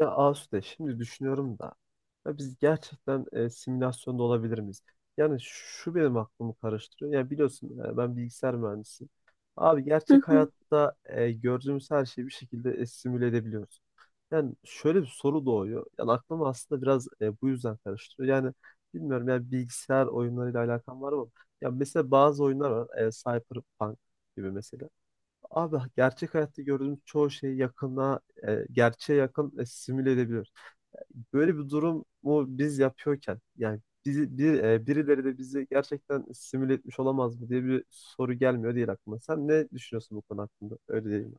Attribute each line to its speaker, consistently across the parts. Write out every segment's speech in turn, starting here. Speaker 1: Ya Asude, şimdi düşünüyorum da ya biz gerçekten simülasyonda olabilir miyiz? Yani şu benim aklımı karıştırıyor. Ya biliyorsun, ben bilgisayar mühendisiyim. Abi,
Speaker 2: Hı
Speaker 1: gerçek
Speaker 2: hı.
Speaker 1: hayatta gördüğümüz her şeyi bir şekilde simüle edebiliyoruz. Yani şöyle bir soru doğuyor. Yani aklımı aslında biraz bu yüzden karıştırıyor. Yani bilmiyorum, yani bilgisayar oyunlarıyla alakam var mı? Ya mesela bazı oyunlar var. Cyberpunk gibi mesela. Abi, gerçek hayatta gördüğümüz çoğu şey yakına, gerçeğe yakın simüle edebilir. Böyle bir durumu biz yapıyorken yani bizi, bir, birileri de bizi gerçekten simüle etmiş olamaz mı diye bir soru gelmiyor değil aklıma. Sen ne düşünüyorsun bu konu hakkında? Öyle değil mi?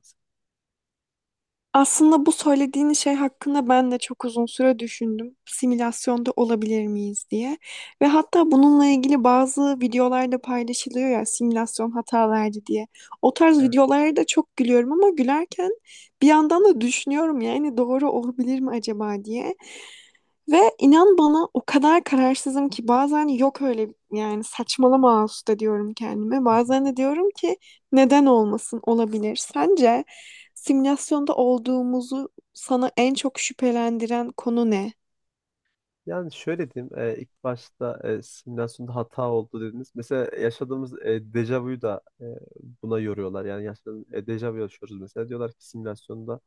Speaker 2: Aslında bu söylediğin şey hakkında ben de çok uzun süre düşündüm. Simülasyonda olabilir miyiz diye. Ve hatta bununla ilgili bazı videolar da paylaşılıyor ya simülasyon hata verdi diye. O tarz
Speaker 1: Evet.
Speaker 2: videolara da çok gülüyorum ama gülerken bir yandan da düşünüyorum yani doğru olabilir mi acaba diye. Ve inan bana o kadar kararsızım ki bazen yok öyle yani saçmalama usta diyorum kendime. Bazen de diyorum ki neden olmasın olabilir. Sence simülasyonda olduğumuzu sana en çok şüphelendiren konu ne?
Speaker 1: Yani şöyle diyeyim, ilk başta simülasyonda hata oldu dediniz. Mesela yaşadığımız dejavuyu da buna yoruyorlar. Yani yaşadığımız dejavu yaşıyoruz mesela. Diyorlar ki simülasyonda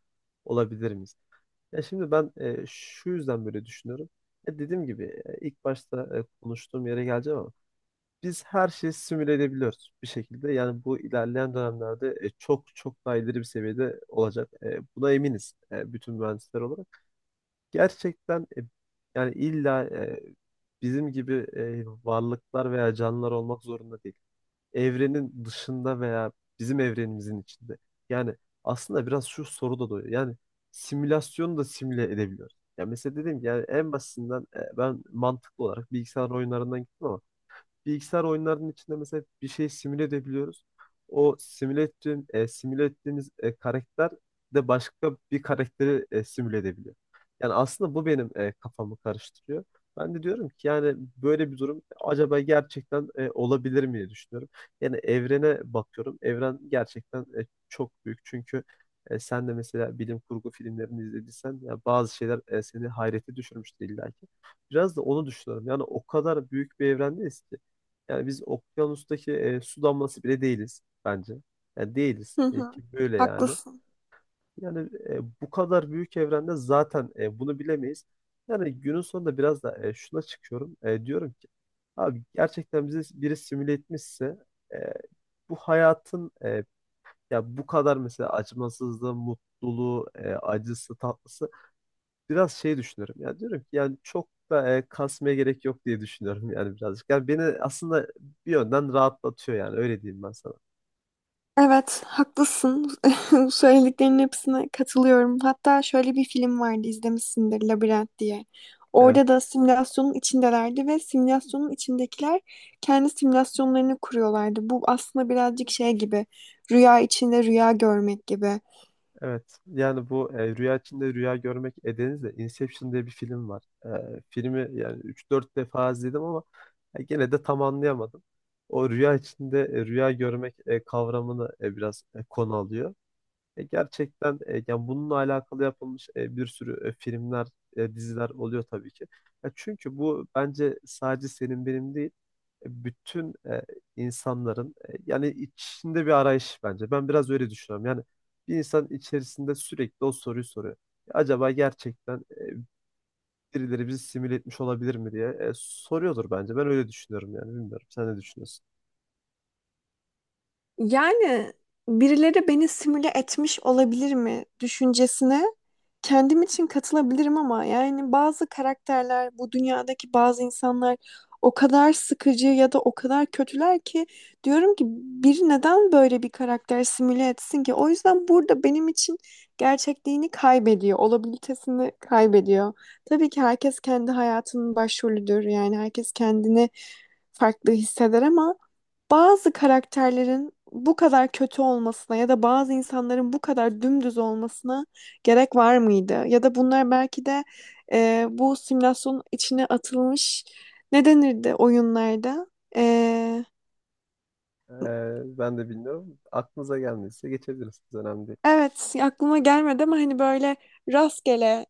Speaker 1: olabilir miyiz? Ya şimdi ben şu yüzden böyle düşünüyorum. Ya dediğim gibi, ilk başta konuştuğum yere geleceğim ama biz her şeyi simüle edebiliyoruz bir şekilde. Yani bu ilerleyen dönemlerde çok çok daha ileri bir seviyede olacak. Buna eminiz, bütün mühendisler olarak gerçekten, yani illa bizim gibi varlıklar veya canlılar olmak zorunda değil. Evrenin dışında veya bizim evrenimizin içinde. Yani aslında biraz şu soru da doğuyor. Yani simülasyonu da simüle edebiliyoruz. Ya mesela dedim ki yani en basitinden, ben mantıklı olarak bilgisayar oyunlarından gittim ama bilgisayar oyunlarının içinde mesela bir şey simüle edebiliyoruz. O simüle ettiğim, simüle ettiğimiz karakter de başka bir karakteri simüle edebiliyor. Yani aslında bu benim kafamı karıştırıyor. Ben de diyorum ki yani böyle bir durum acaba gerçekten olabilir mi diye düşünüyorum. Yani evrene bakıyorum. Evren gerçekten çok büyük. Çünkü sen de mesela bilim kurgu filmlerini izlediysen, ya bazı şeyler seni hayrete düşürmüştü illa ki. Biraz da onu düşünüyorum. Yani o kadar büyük bir evrendeyiz ki. Yani biz okyanustaki su damlası bile değiliz bence. Yani değiliz,
Speaker 2: Hı hı.
Speaker 1: ki böyle yani.
Speaker 2: Haklısın.
Speaker 1: Yani, bu kadar büyük evrende zaten bunu bilemeyiz. Yani günün sonunda biraz da şuna çıkıyorum. Diyorum ki abi, gerçekten bizi biri simüle etmişse, e, bu hayatın, ya bu kadar mesela acımasızlığı, mutluluğu, acısı, tatlısı, biraz şey düşünüyorum. Yani diyorum ki yani çok da kasmaya gerek yok diye düşünüyorum yani birazcık. Yani beni aslında bir yönden rahatlatıyor yani öyle diyeyim ben sana.
Speaker 2: Evet, haklısın. Söylediklerinin hepsine katılıyorum. Hatta şöyle bir film vardı, izlemişsindir, Labirent diye.
Speaker 1: Evet,
Speaker 2: Orada da simülasyonun içindelerdi ve simülasyonun içindekiler kendi simülasyonlarını kuruyorlardı. Bu aslında birazcık şey gibi, rüya içinde rüya görmek gibi.
Speaker 1: evet. Yani bu rüya içinde rüya görmek edenizle Inception diye bir film var. Filmi, yani üç dört defa izledim ama gene de tam anlayamadım. O rüya içinde rüya görmek kavramını biraz konu alıyor. Gerçekten, yani bununla alakalı yapılmış bir sürü filmler, diziler oluyor tabii ki. Ya çünkü bu bence sadece senin benim değil, bütün insanların yani içinde bir arayış bence. Ben biraz öyle düşünüyorum. Yani bir insan içerisinde sürekli o soruyu soruyor. Acaba gerçekten birileri bizi simüle etmiş olabilir mi diye soruyordur bence. Ben öyle düşünüyorum yani bilmiyorum. Sen ne düşünüyorsun?
Speaker 2: Yani birileri beni simüle etmiş olabilir mi düşüncesine kendim için katılabilirim ama yani bazı karakterler, bu dünyadaki bazı insanlar o kadar sıkıcı ya da o kadar kötüler ki diyorum ki bir neden böyle bir karakter simüle etsin ki? O yüzden burada benim için gerçekliğini kaybediyor, olabilitesini kaybediyor. Tabii ki herkes kendi hayatının başrolüdür. Yani herkes kendini farklı hisseder ama bazı karakterlerin bu kadar kötü olmasına ya da bazı insanların bu kadar dümdüz olmasına gerek var mıydı? Ya da bunlar belki de bu simülasyonun içine atılmış ne denirdi oyunlarda? E,
Speaker 1: Ben de bilmiyorum. Aklınıza gelmediyse geçebiliriz. Önemli değil.
Speaker 2: evet aklıma gelmedi ama hani böyle rastgele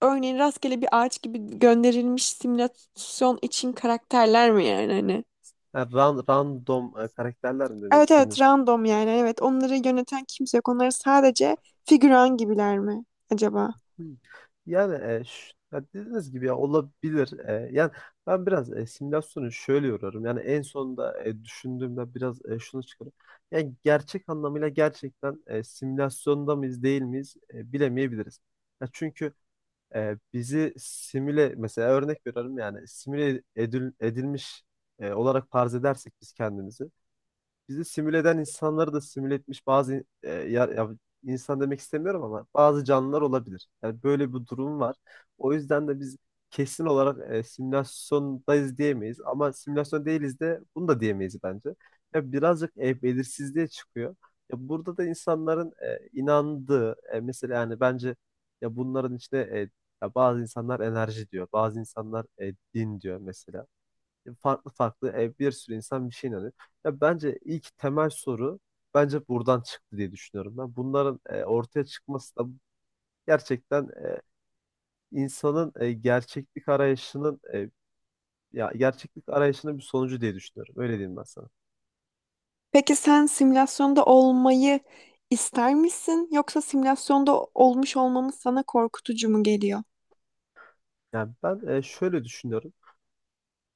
Speaker 2: örneğin rastgele bir ağaç gibi gönderilmiş simülasyon için karakterler mi yani hani?
Speaker 1: Ha, random karakterler mi demek
Speaker 2: Evet evet
Speaker 1: istediniz?
Speaker 2: random yani evet onları yöneten kimse yok. Onlar sadece figüran gibiler mi acaba?
Speaker 1: Hmm. Yani, ya dediğiniz gibi ya olabilir. Yani ben biraz simülasyonu şöyle yoruyorum. Yani en sonunda düşündüğümde biraz şunu çıkarım. Yani gerçek anlamıyla gerçekten simülasyonda mıyız değil miyiz bilemeyebiliriz. Ya çünkü bizi simüle, mesela örnek veriyorum, yani simüle edilmiş olarak farz edersek biz kendimizi. Bizi simüle eden insanları da simüle etmiş bazı, ya insan demek istemiyorum ama bazı canlılar olabilir. Yani böyle bir durum var. O yüzden de biz kesin olarak simülasyondayız diyemeyiz ama simülasyon değiliz de bunu da diyemeyiz bence. Ya birazcık belirsizliğe çıkıyor. Ya burada da insanların inandığı, mesela yani bence, ya bunların içinde, ya bazı insanlar enerji diyor, bazı insanlar din diyor mesela, farklı farklı bir sürü insan bir şey inanıyor. Ya bence ilk temel soru bence buradan çıktı diye düşünüyorum ben. Bunların ortaya çıkması da gerçekten insanın gerçeklik arayışının, ya gerçeklik arayışının bir sonucu diye düşünüyorum. Öyle diyeyim ben sana.
Speaker 2: Peki sen simülasyonda olmayı ister misin yoksa simülasyonda olmuş olmamız sana korkutucu mu geliyor?
Speaker 1: Yani ben şöyle düşünüyorum.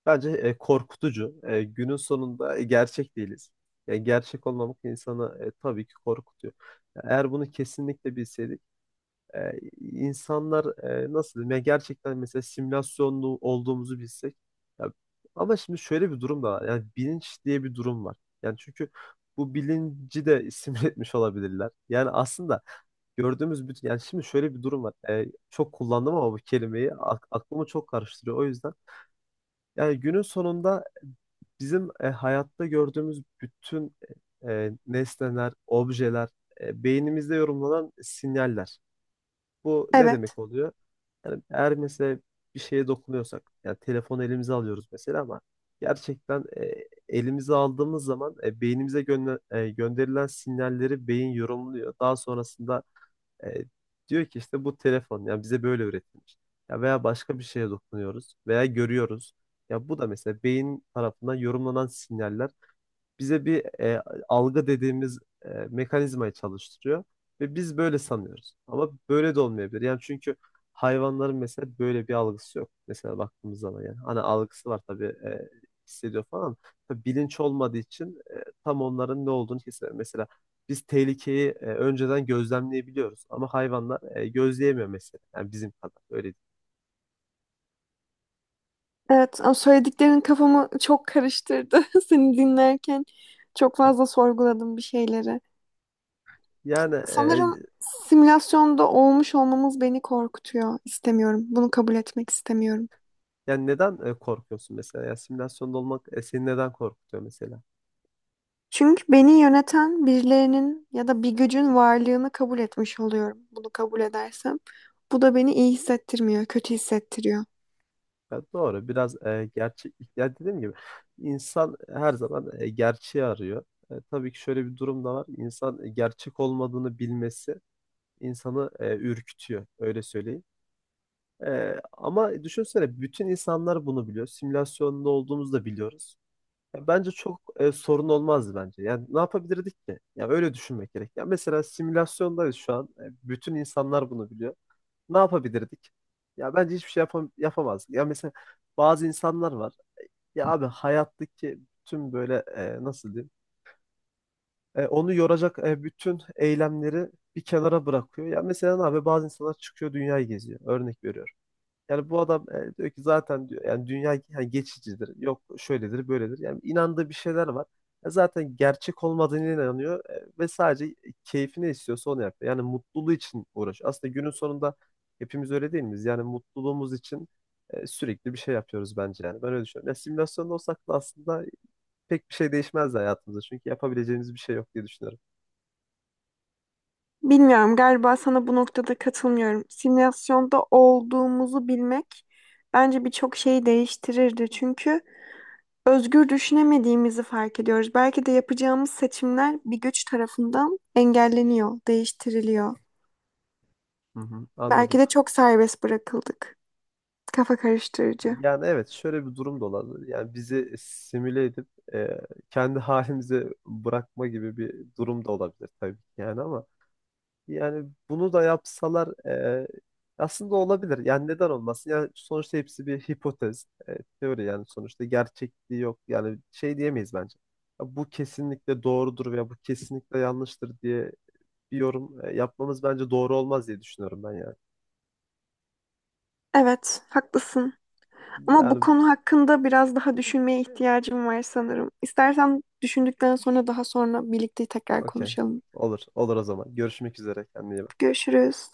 Speaker 1: Bence korkutucu. Günün sonunda gerçek değiliz. Yani gerçek olmamak insanı tabii ki korkutuyor. Ya eğer bunu kesinlikle bilseydik, insanlar, nasıl diyeyim, ya gerçekten mesela simülasyonlu olduğumuzu bilsek ya, ama şimdi şöyle bir durum da var, yani bilinç diye bir durum var, yani çünkü bu bilinci de simüle etmiş olabilirler, yani aslında gördüğümüz bütün, yani şimdi şöyle bir durum var. Çok kullandım ama bu kelimeyi aklımı çok karıştırıyor, o yüzden yani günün sonunda bizim hayatta gördüğümüz bütün, nesneler, objeler, beynimizde yorumlanan sinyaller. Bu ne
Speaker 2: Evet.
Speaker 1: demek oluyor? Yani eğer mesela bir şeye dokunuyorsak, yani telefonu elimize alıyoruz mesela ama gerçekten, elimize aldığımız zaman beynimize gönderilen sinyalleri beyin yorumluyor. Daha sonrasında e, diyor ki işte bu telefon yani bize böyle üretilmiş. Ya veya başka bir şeye dokunuyoruz veya görüyoruz. Ya bu da mesela beyin tarafından yorumlanan sinyaller bize bir algı dediğimiz mekanizmayı çalıştırıyor ve biz böyle sanıyoruz. Ama böyle de olmayabilir. Yani çünkü hayvanların mesela böyle bir algısı yok. Mesela baktığımız zaman yani hani algısı var tabii, hissediyor falan. Ama tabii bilinç olmadığı için tam onların ne olduğunu kesinlikle. Mesela biz tehlikeyi önceden gözlemleyebiliyoruz ama hayvanlar gözleyemiyor mesela. Yani bizim kadar öyle değil.
Speaker 2: Evet, ama söylediklerin kafamı çok karıştırdı. Seni dinlerken çok fazla sorguladım bir şeyleri.
Speaker 1: Yani,
Speaker 2: Sanırım simülasyonda olmuş olmamız beni korkutuyor. İstemiyorum. Bunu kabul etmek istemiyorum.
Speaker 1: yani neden korkuyorsun mesela? Ya simülasyonda olmak seni neden korkutuyor mesela?
Speaker 2: Çünkü beni yöneten birilerinin ya da bir gücün varlığını kabul etmiş oluyorum. Bunu kabul edersem. Bu da beni iyi hissettirmiyor, kötü hissettiriyor.
Speaker 1: Ya doğru. Biraz gerçek. Ya dediğim gibi, insan her zaman gerçeği arıyor. Tabii ki şöyle bir durum da var. İnsan, gerçek olmadığını bilmesi insanı ürkütüyor. Öyle söyleyeyim. Ama düşünsene, bütün insanlar bunu biliyor. Simülasyonda olduğumuzu da biliyoruz. Ya bence çok sorun olmazdı bence. Yani ne yapabilirdik ki? Ya öyle düşünmek gerek. Ya mesela simülasyondayız şu an. Bütün insanlar bunu biliyor. Ne yapabilirdik? Ya bence hiçbir şey yapamazdık. Ya mesela bazı insanlar var. Ya abi hayattaki tüm böyle, nasıl diyeyim? Onu yoracak bütün eylemleri bir kenara bırakıyor. Ya mesela, ne abi, bazı insanlar çıkıyor dünyayı geziyor. Örnek veriyorum. Yani bu adam diyor ki zaten, diyor yani dünya yani geçicidir. Yok şöyledir böyledir. Yani inandığı bir şeyler var. Zaten gerçek olmadığına inanıyor, ve sadece keyfini istiyorsa onu yapıyor. Yani mutluluğu için uğraşıyor. Aslında günün sonunda hepimiz öyle değil miyiz? Yani mutluluğumuz için sürekli bir şey yapıyoruz bence yani. Ben öyle düşünüyorum. Ya simülasyonda olsak da aslında pek bir şey değişmez hayatımızda. Çünkü yapabileceğimiz bir şey yok diye düşünüyorum.
Speaker 2: Bilmiyorum, galiba sana bu noktada katılmıyorum. Simülasyonda olduğumuzu bilmek bence birçok şeyi değiştirirdi. Çünkü özgür düşünemediğimizi fark ediyoruz. Belki de yapacağımız seçimler bir güç tarafından engelleniyor, değiştiriliyor.
Speaker 1: Hı hı,
Speaker 2: Belki
Speaker 1: anladım.
Speaker 2: de çok serbest bırakıldık. Kafa karıştırıcı.
Speaker 1: Yani evet, şöyle bir durum da olabilir. Yani bizi simüle edip e, kendi halimize bırakma gibi bir durum da olabilir tabii ki yani, ama yani bunu da yapsalar aslında olabilir. Yani neden olmasın? Yani sonuçta hepsi bir hipotez, teori, yani sonuçta gerçekliği yok. Yani şey diyemeyiz bence. Ya bu kesinlikle doğrudur veya bu kesinlikle yanlıştır diye bir yorum yapmamız bence doğru olmaz diye düşünüyorum ben yani.
Speaker 2: Evet, haklısın. Ama bu
Speaker 1: Yani
Speaker 2: konu hakkında biraz daha düşünmeye ihtiyacım var sanırım. İstersen düşündükten sonra daha sonra birlikte tekrar
Speaker 1: okey.
Speaker 2: konuşalım.
Speaker 1: Olur. Olur o zaman. Görüşmek üzere. Kendine iyi bak.
Speaker 2: Görüşürüz.